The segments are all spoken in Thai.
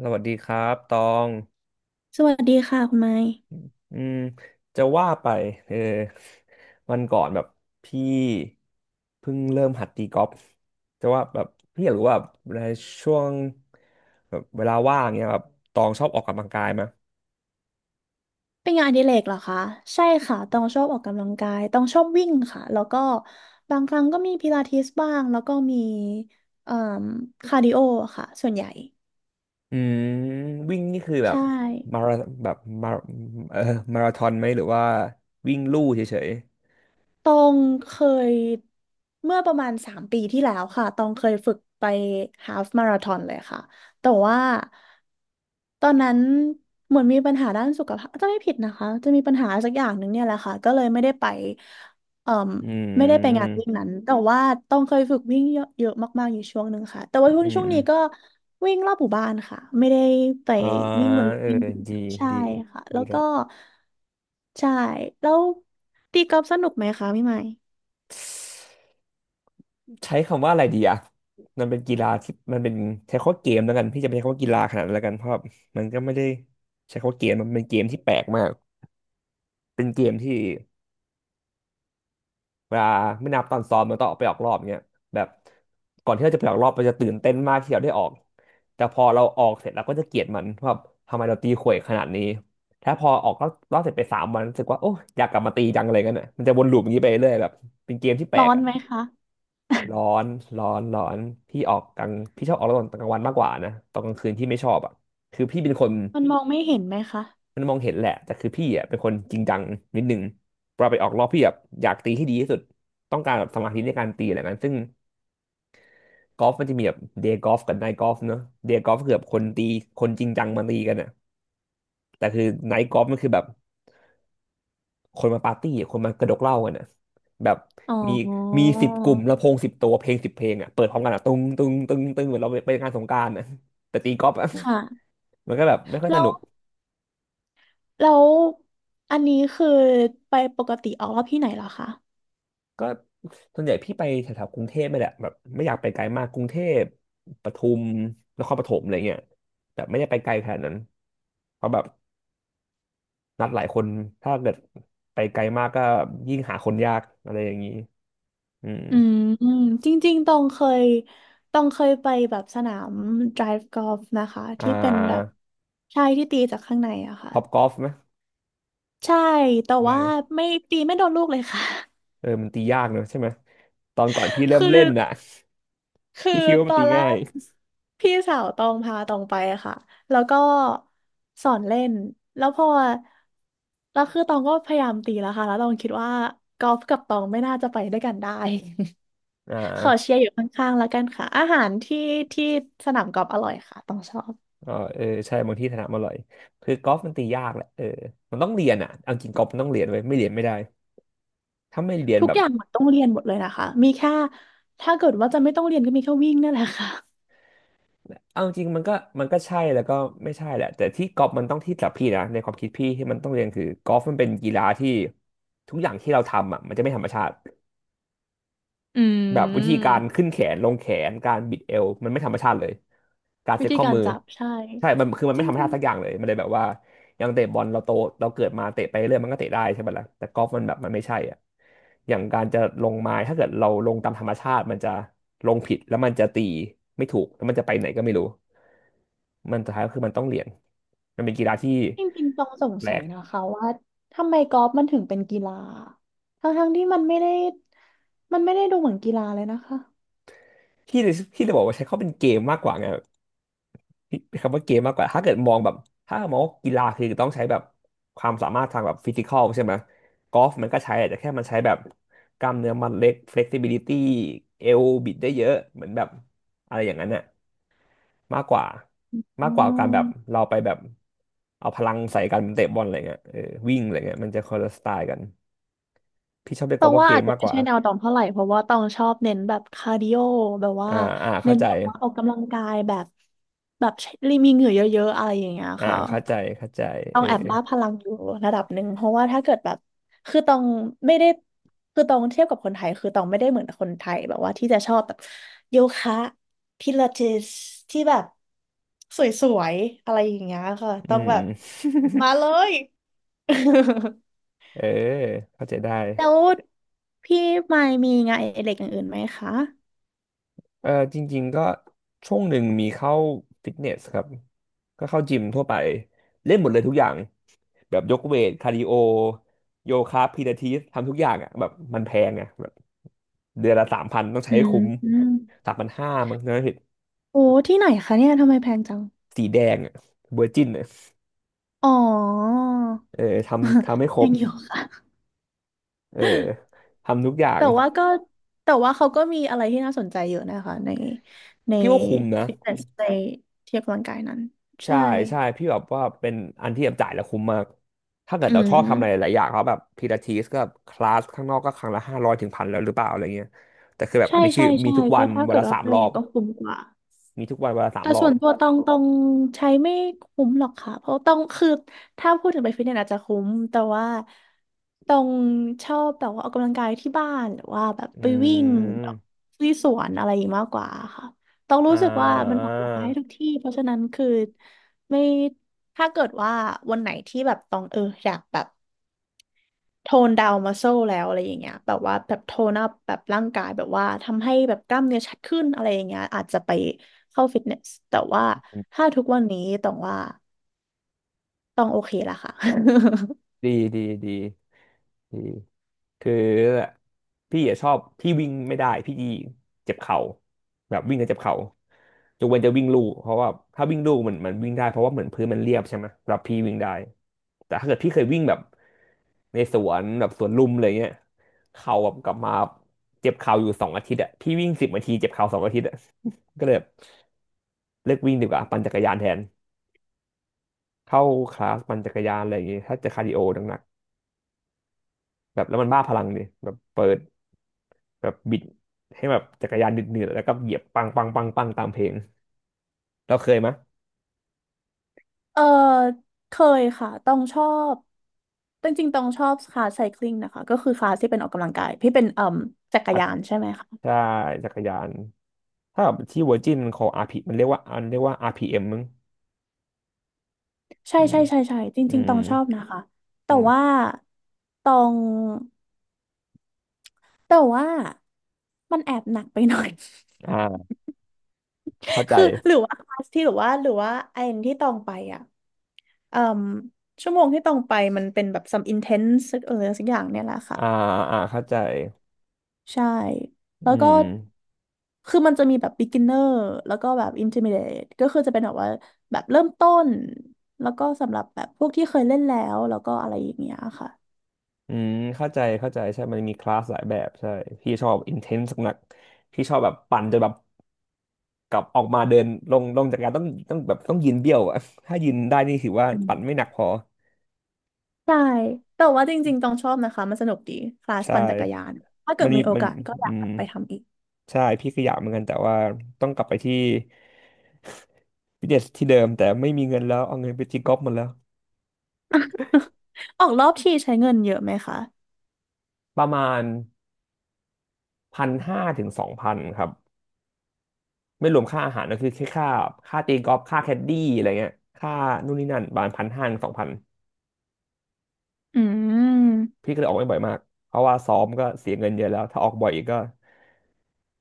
สวัสดีครับตองสวัสดีค่ะคุณไม้อืมจะว่าไปเออวันก่อนแบบพี่เพิ่งเริ่มหัดตีกอล์ฟจะว่าแบบพี่อยากรู้ว่าในช่วงแบบเวลาว่างเนี้ยแบบตองชอบออกกำลังกายไหมเป็นงานอดิเรกเหรอคะใช่ค่ะต้องชอบออกกำลังกายต้องชอบวิ่งค่ะแล้วก็บางครั้งก็มีพิลาทิสบ้างแล้วก็มีเอ่อคาร์ดิโอค่ะส่วนใหญ่อืมวิ่งนี่คือแบใชบมา่ราแบบมาเออมาราธอนไหมหรือว่าวิ่งลู่เฉยตองเคยเมื่อประมาณ3 ปีที่แล้วค่ะตองเคยฝึกไปฮาล์ฟมาราธอนเลยค่ะแต่ว่าตอนนั้นเหมือนมีปัญหาด้านสุขภาพจะไม่ผิดนะคะจะมีปัญหาสักอย่างหนึ่งเนี่ยแหละค่ะก็เลยไม่ได้ไปเอ่อ ๆอืไม่ได้ไปงานมวิ่งนั้นแต่ว่าต้องเคยฝึกวิ่งเยอะเยอะมากๆอยู่ช่วงหนึ่งค่ะแต่ว่าช่วงอืช่วงนี้ก็มวิ่งรอบหมู่บ้านค่ะไม่ได้ไปอ่าวิ่งบนลู่เออวิ่งจริงดีใช่ดีค่ะ ดีแล้วแล้ก็ว ใช่แล้วตีกอล์ฟสนุกไหมคะพี่ใหม่ใช้คำว่าอะไรดีอะมันเป็นกีฬาที่มันเป็นใช้คำว่าเกมแล้วกันพี่จะไม่ใช้คำว่ากีฬาขนาดนั้นแล้วกันเพราะมันก็ไม่ได้ใช้คำว่าเกมมันเป็นเกมที่แปลกมากเป็นเกมที่เวลาไม่นับตอนซ้อมมันต้องออกไปออกรอบเงี้ยแบบก่อนที่เราจะไปออกรอบเราจะตื่นเต้นมากที่เราได้ออกแต่พอเราออกเสร็จเราก็จะเกลียดมันว่าทำไมเราตีข่วยขนาดนี้ถ้าพอออกรอบเสร็จไป3 วันรู้สึกว่าโอ้ยอยากกลับมาตีจังอะไรกันอ่ะมันจะวนลูปอย่างนี้ไปเรื่อยแบบเป็นเกมที่แปลร้อก นไหมคะ ร้อนร้อนร้อนพี่ออกกลางพี่ชอบออกตอนกลางวันมากกว่านะตอนกลางคืนพี่ไม่ชอบอ่ะคือพี่เป็นคนมันมองไม่เห็นไหมคะมันมองเห็นแหละแต่คือพี่อ่ะเป็นคนจริงจังนิดนึงเวลาไปออกรอบพี่แบบอยากตีให้ดีที่สุดต้องการแบบสมาธิในการตีอะไรแบบนั้นซึ่งกอล์ฟมันจะมีแบบเดย์กอล์ฟกับไนท์กอล์ฟเนอะเดย์กอล์ฟคือแบบคนตีคนจริงจังมาตีกันอ่ะแต่คือไนท์กอล์ฟมันคือแบบ คนมาปาร์ตี้อะคนมากระดกเหล้ากันนะแบบอ๋อมีมี10 กลุ่มลำโพง10 ตัวเพลง10 เพลงอ่ะเปิดพร้อมกันอ่ะตึ้งตึ้งตึ้งตึ้งเหมือนเราไปงานสงกรานต์นะแต่ตีกอล์ฟอะ ค่ะ มันก็แบบไม่ค่อยแล้สวนุกแล้วอันนี้คือไปปกติออกรอบที่ไหนเหรอคะ ก็ส่วนใหญ่พี่ไปแถวๆกรุงเทพไม่แหละแบบไม่อยากไปไกลมากกรุงเทพปทุมนครปฐมอะไรเงี้ยแบบไม่ได้ไปไกลขนาดนั้นเพราะแบบนัดหลายคนถ้าเกิดไปไกลมากก็ยิ่งหาคนยากอะไรอย่างนี้อืมอืมจริงๆยตองเคยไปแบบสนาม drive golf นะคะอ่ที่เป็นแบบาใช่ที่ตีจากข้างในอะค่ะท็อปกอล์ฟไหม ใช่แต่ว่าไม่ตีไม่โดนลูกเลยค่ะ เออมันตียากเนอะใช่ไหมตอนก่อนพี่เริ่ มคือเล่นน่ะ คือพี่คิดว่าตมันอตีนแรง่าย กพี่สาวตองพาตองไปอะค่ะแล้วก็สอนเล่นแล้วพอแล้วคือตองก็พยายามตีแล้วค่ะแล้วตองคิดว่ากอล์ฟกับตองไม่น่าจะไปด้วยกันได้ อ่ขอาเชียร์อยู่ข้างๆแล้วกันค่ะอาหารที่สนามกอล์ฟอร่อยค่ะต้องชอบอ๋อเออใช่บางที่ถนัดมาอร่อยคือกอล์ฟมันตียากแหละเออมันต้องเรียนอ่ะเอาจริงกอล์ฟมันต้องเรียนไว้ยไม่เรียนไม่ได้ถ้าไม่เรียนทุกแบบอย่างเหมือนต้องเรียนหมดเลยนะคะมีแค่ถ้าเกิดว่าจะไม่ต้องเรียนก็มีแค่วิ่งนั่นแหละค่ะเอาจริงมันก็ใช่แล้วก็ไม่ใช่แหละแต่ที่กอล์ฟมันต้องที่สำหรับพี่นะในความคิดพี่ที่มันต้องเรียนคือกอล์ฟมันเป็นกีฬาที่ทุกอย่างที่เราทำอ่ะมันจะไม่ธรรมชาติ อืแบบวิธีการมขึ้นแขนลงแขนการบิดเอวมันไม่ธรรมชาติเลยการวิเซ็ตธีข้อการมือจับใช่ใช่มันจไม่ริงธรรมชาติสักอย่างเลยมันเลยแบบว่าอย่างเตะบอลเราโตเราเกิดมาเตะไปเรื่อยมันก็เตะได้ใช่ไหมล่ะแต่กอล์ฟมันแบบมันไม่ใช่อ่ะอย่างการจะลงไม้ถ้าเกิดเราลงตามธรรมชาติมันจะลงผิดแล้วมันจะตีไม่ถูกแล้วมันจะไปไหนก็ไม่รู้มันสุดท้ายก็คือมันต้องเหรียนมันเป็นกีฬาที่ๆจริงๆต้องสงแปลสัยกนะคะว่าทำไมกอล์ฟมันถึงเป็นกีฬาทั้งๆที่มันไม่ได้ดูเหมือนกีฬาเลยนะคะที่ที่จะบอกว่าใช้เขาเป็นเกมมากกว่าไง คำว่าเกมมากกว่าถ้าเกิดมองแบบถ้ามองว่ากีฬาคือต้องใช้แบบความสามารถทางแบบฟิสิคอลใช่ไหมกอล์ฟมันก็ใช้แหละแต่แค่มันใช้แบบกล้ามเนื้อมัดเล็ก flexibility เอวบิดได้เยอะเหมือนแบบอะไรอย่างนั้นน่ะมากกว่าอมากกว่าการแบบม เราไปแบบเอาพลังใส่กันเตะบอลอะไรเงี้ยเออวิ่งอะไรเงี้ยมันจะคนละสไตล์กันพี่ชอบเรียกตกออล์ฟงว่าว่าเกอามจจะมากไม่กว่าใช่แนวตองเท่าไหร่เพราะว่าตองชอบเน้นแบบคาร์ดิโอแบบว่าอ่าอ่าเข้าเน้นใจแบบว่าออกกำลังกายแบบแบบใช้รีมีเหงื่อเยอะๆอะไรอย่างเงี้ยอ่าค่ะเข้าใจเข้าใจต้อเองอแอบบ้าพลังอยู่ระดับหนึ่งเพราะว่าถ้าเกิดแบบคือตองไม่ได้คือตองเทียบกับคนไทยคือตองไม่ได้เหมือนกับคนไทยแบบว่าที่จะชอบแบบโยคะพิลาทิสที่แบบสวยๆอะไรอย่างเงี้ยค่ะอืต้องแบม บ มาเลย เออเข้าใจได้ แล้วพี่มายมีงานอดิเรกอย่างอื่นไหมคะเออจริงๆก็ช่วงหนึ่งมีเข้าฟิตเนสครับก็เข้าจิมทั่วไปเล่นหมดเลยทุกอย่างแบบยกเวทคาร์ดิโอโยคะพิลาทิสทำทุกอย่างอ่ะแบบมันแพงอ่ะแบบเดือนละสามพันต้องใช้อืให้มคุ้มอืม3,500มั้งนะเหโอ้ที่ไหนคะเนี่ยทำไมแพงจัง สีแดงอ่ะเวอร์จินอ่ะอ๋อ เออทำให้คร ยับงอยู่ค่ะเออทุกอย่างแต่ว่าก็แต่ว่าเขาก็มีอะไรที่น่าสนใจเยอะนะคะในในพี่ว่าคุ้มนะ ฟิตเนสในที่ออกกำลังกายนั้นใช่ใช่ ใช่พี่แบบว่าเป็นอันที่แบบจ่ายแล้วคุ้มมากถ้าเกิดอืเราชอบทำอะไรหมลายๆอย่างเขาแบบพิลาทิสก็คลาสข้างนอกก็ครั้งละห้าร้อยถึงพันแล้วหรือเปล่าอะไรเงี้ยแต่คือแบบใช่อันนี้คือใช่มีใช่ทุกวัก็นถ้าวันเกิดละว่าสาไปมรอเองบก็คุ้มกว่า มีทุกวันวันละสามแต่รอส่บวนตัวตองใช้ไม่คุ้มหรอกค่ะเพราะตองคือถ้าพูดถึงไปฟิตเนสอาจจะคุ้มแต่ว่าตองชอบแบบว่าออกกำลังกายที่บ้านหรือว่าแบบอืไปวิ่งมที่สวนอะไรอย่างนี้มากกว่าค่ะตองอ่รู้สึกว่ามันออกกำลังกายให้ทุกา ที่เพราะฉะนั้นคือไม่ถ้าเกิดว่าวันไหนที่แบบตองเอออยากแบบ โทนดาวมัสเซลแล้วอะไรอย่างเงี้ยแบบว่าแบบโทนอัพแบบร่างกายแบบว่าทำให้แบบกล้ามเนื้อชัดขึ้นอะไรอย่างเงี้ยอาจจะไปเข้าฟิตเนสแต่ว่าถ้าทุกวันนี้ต้องว่าต้องโอเคละค่ะ ดีดีดีดีคือพี่อะชอบพี่วิ่งไม่ได้พี่เจ็บเข่าแบบวิ่งแล้วเจ็บเข่ายกเว้นจะวิ่งลู่เพราะว่าถ้าวิ่งลู่มันวิ่งได้เพราะว่าเหมือนพื้นมันเรียบใช่ไหมแล้วพี่วิ่งได้แต่ถ้าเกิดพี่เคยวิ่งแบบในสวนแบบสวนลุมอะไรเงี้ยเข่าแบบกลับมาเจ็บเข่าอยู่สองอาทิตย์อะพี่วิ่งสิบนาทีเจ็บเข่าสองอาทิตย์อะ ก็เลยแบบเลิกวิ่งดีกว่าปั่นจักรยานแทนเข้าคลาสปั่นจักรยานอะไรอย่างงี้ถ้าจะคาร์ดิโอหนักๆ แบบแล้วมันบ้าพลังดิแบบเปิดแบบบิดให้แบบจักรยานดืดๆแล้วก็เหยียบปังปังปังปังตามเพลงเราเคยไหม เออเคยค่ะต้องชอบจริงๆต้องชอบคลาสไซคลิงนะคะก็คือคลาสที่เป็นออกกำลังกายที่เป็นเอ่มจักรอักยานใช่ไหมคะถ้าจักรยานถ้าแบบที่เวอร์จินของ RP มันเรียกว่าเรียกว่า RPM มมั้งใช่อืมใช่ใช่ใช่จอืริงๆมต้องชอบนะคะแต่อืว่ามต้องแต่ว่ามันแอบหนักไปหน่อย อ่าเข้าใจคือหรือว่าคลาสที่หรือว่าหรือว่าไอ้ที่ตองไปอ่ะเอ่มชั่วโมงที่ตองไปมันเป็นแบบ some intense เออสักอย่างเนี่ยแหละค่ะอ่าเข้าใจใช่แล้อืวก็มคือมันจะมีแบบ beginner แล้วก็แบบ intermediate ก็คือจะเป็นแบบว่าแบบเริ่มต้นแล้วก็สำหรับแบบพวกที่เคยเล่นแล้วแล้วก็อะไรอย่างเงี้ยค่ะอืมเข้าใจใช่มันมีคลาสหลายแบบใช่พี่ชอบ intense หนักๆพี่ชอบแบบปั่นจนแบบ กลับออกมาเดินลงลงจากการต้องยืนเบี้ยวอะ ถ้ายืนได้นี่ถือว่าอืปั่นไม่หนัมกพอใช่แต่ว่าจริงๆต้องชอบนะคะมันสนุกดีคลาสใช่ปั่นจักรยานถ้าเกิมัดนมีมีโอมันกาสก็ออืยากกมลับไปทำอีก ใช่พี่ก็อยากเหมือนกันแต่ว่าต้องกลับไปที่ ฟิตเนสที่เดิมแต่ไม่มีเงินแล้วเอาเงินไปตีกอล์ฟหมดแล้ว ออกรอบทีใช้เงินเยอะไหมคะ ประมาณพันห้าถึงสองพันครับไม่รวมค่าอาหารก็คือแค่ค่าตีกอล์ฟค่าแคดดี้อะไรเงี้ยค่านู่นนี่นั่นประมาณพันห้าถึงสองพันอืมพี่ก็เลยออกไม่บ่อยมากเพราะว่าซ้อมก็เสียเงินเยอะแล้วถ้าออกบ่อยอีกก็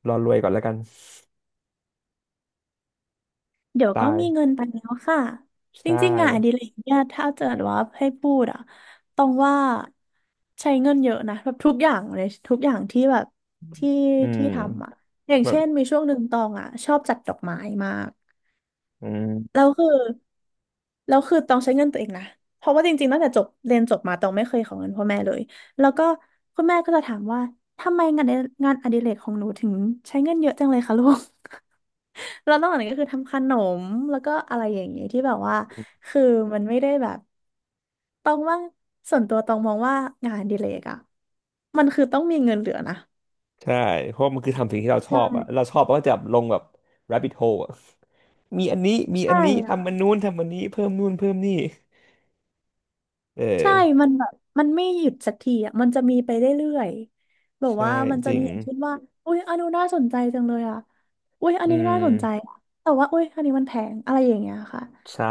รอรวยก่อนแล้วกัน เดี๋ยวก็ตายมีเงินไปแล้วค่ะจใช่ริงๆงานอดิเรกเนี่ยถ้าเกิดว่าให้พูดอะต้องว่าใช้เงินเยอะนะแบบทุกอย่างเลยทุกอย่างที่แบบที่อืมที่ทำอะอย่างแบบเช่นมีช่วงหนึ่งตองอะชอบจัดดอกไม้มากอืมแล้วคือแล้วคือตองใช้เงินตัวเองนะเพราะว่าจริงๆตั้งแต่จบเรียนจบมาตองไม่เคยขอเงินพ่อแม่เลยแล้วก็คุณแม่ก็จะถามว่าทำไมงานในงานอดิเรกของหนูถึงใช้เงินเยอะจังเลยคะลูก แล้วนอกจากนั้นก็คือทำขนมแล้วก็อะไรอย่างเงี้ยที่แบบว่าคือมันไม่ได้แบบตองว่าส่วนตัวตองมองว่างานอดิเลกอะมันคือต้องมีเงินเหลือนะใช่เพราะมันคือทำสิ่งที่เราชอบอะใช่เราชอบเราก็จะลงแบบ rabbit hole อะ มีอันนี้มีอัใช่นนี้ทำอันค่ะนู้นทำอันนี้เพิ่มนู่นเพิ่มนี่เออใช่มันแบบมันไม่หยุดสักทีอ่ะมันจะมีไปเรื่อยๆแบบใช่ว่ามันจจะริมีงอย่างเช่นว่าอุ้ยอันนู้นน่าสนใจจังเลยอ่ะอุ้ยอันอืนี้น่าสนใจมอะแต่ว่าอุ้ยอันนี้มันแพงอะไรอย่างเงี้ยค่ะใช่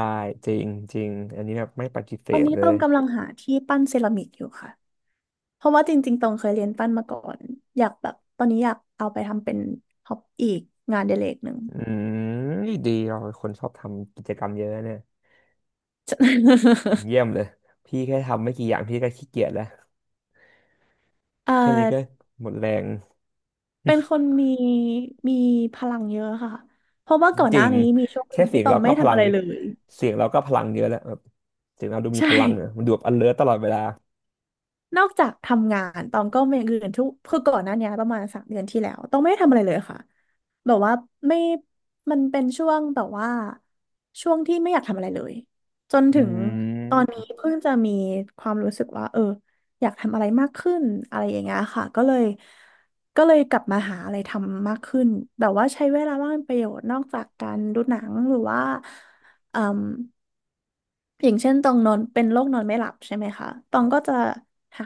จริงจริงอันนี้แบบไม่ปฏิเสตอนธนี้เลต้อยงกำลังหาที่ปั้นเซรามิกอยู่ค่ะ เพราะว่าจริงๆตองเคยเรียนปั้นมาก่อนอยากแบบตอนนี้อยากเอาไปทำเป็นฮอบอีกงานอดิเรกหนึ่ง อืมดีเราเป็นคนชอบทำกิจกรรมเยอะเนี่ย เยี่ยมเลยพี่แค่ทำไม่กี่อย่างพี่ก็ขี้เกียจแล้วเอ่อแค่นี้ก็หมดแรง เป็นคนมีมีพลังเยอะค่ะเพราะว่าก่อนจหริน้างนี้มีช่วงหนึ่แค่งเสีที่ยงตอเรางก็ไม่พทำลัอะงไรเลย เสียงเราก็พลังเยอะแล้วแบบเสียงเราดู มีใช่ พลังอ่ะมันดูแบบ alert ตลอดเวลานอกจากทำงานตองก็มีอย่างอื่นทุกคือก่อนหน้านี้ประมาณ3 เดือนที่แล้วตองไม่ได้ทำอะไรเลยค่ะแบบว่าไม่มันเป็นช่วงแบบว่าช่วงที่ไม่อยากทำอะไรเลยจนอืถึงตอนมนี้เพิ่งจะมีความรู้สึกว่าเอออยากทำอะไรมากขึ้นอะไรอย่างเงี้ยค่ะก็เลยกลับมาหาอะไรทำมากขึ้นแบบว่าใช้เวลาว่างเป็นประโยชน์นอกจากการดูหนังหรือว่าเอ่ม อย่างเช่นตองนอนเป็นโรคนอนไม่หลับใช่ไหมคะตองก็จะหา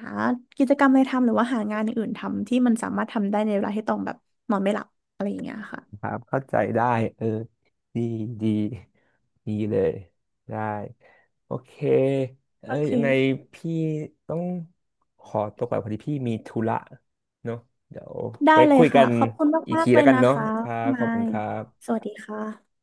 กิจกรรมอะไรทำหรือว่าหางานอย่างอื่นทำที่มันสามารถทำได้ในเวลาที่ตองแบบนอนไม่หลับอะไรอย่างเงี้ยค่ะครับเข้าใจได้เออดีดีดีเลยได้โอเคเอโออเคยังไงพี่ต้องขอตัวไปพอดีพี่มีธุระเนาะเดี๋ยวได้ไว้เลยคุยกัค่ะนขอบคุณอีกมากทีๆเลแล้วยกันนะเนาะคะครับขไมาอบคุณยครัสบวัสดีค่ะ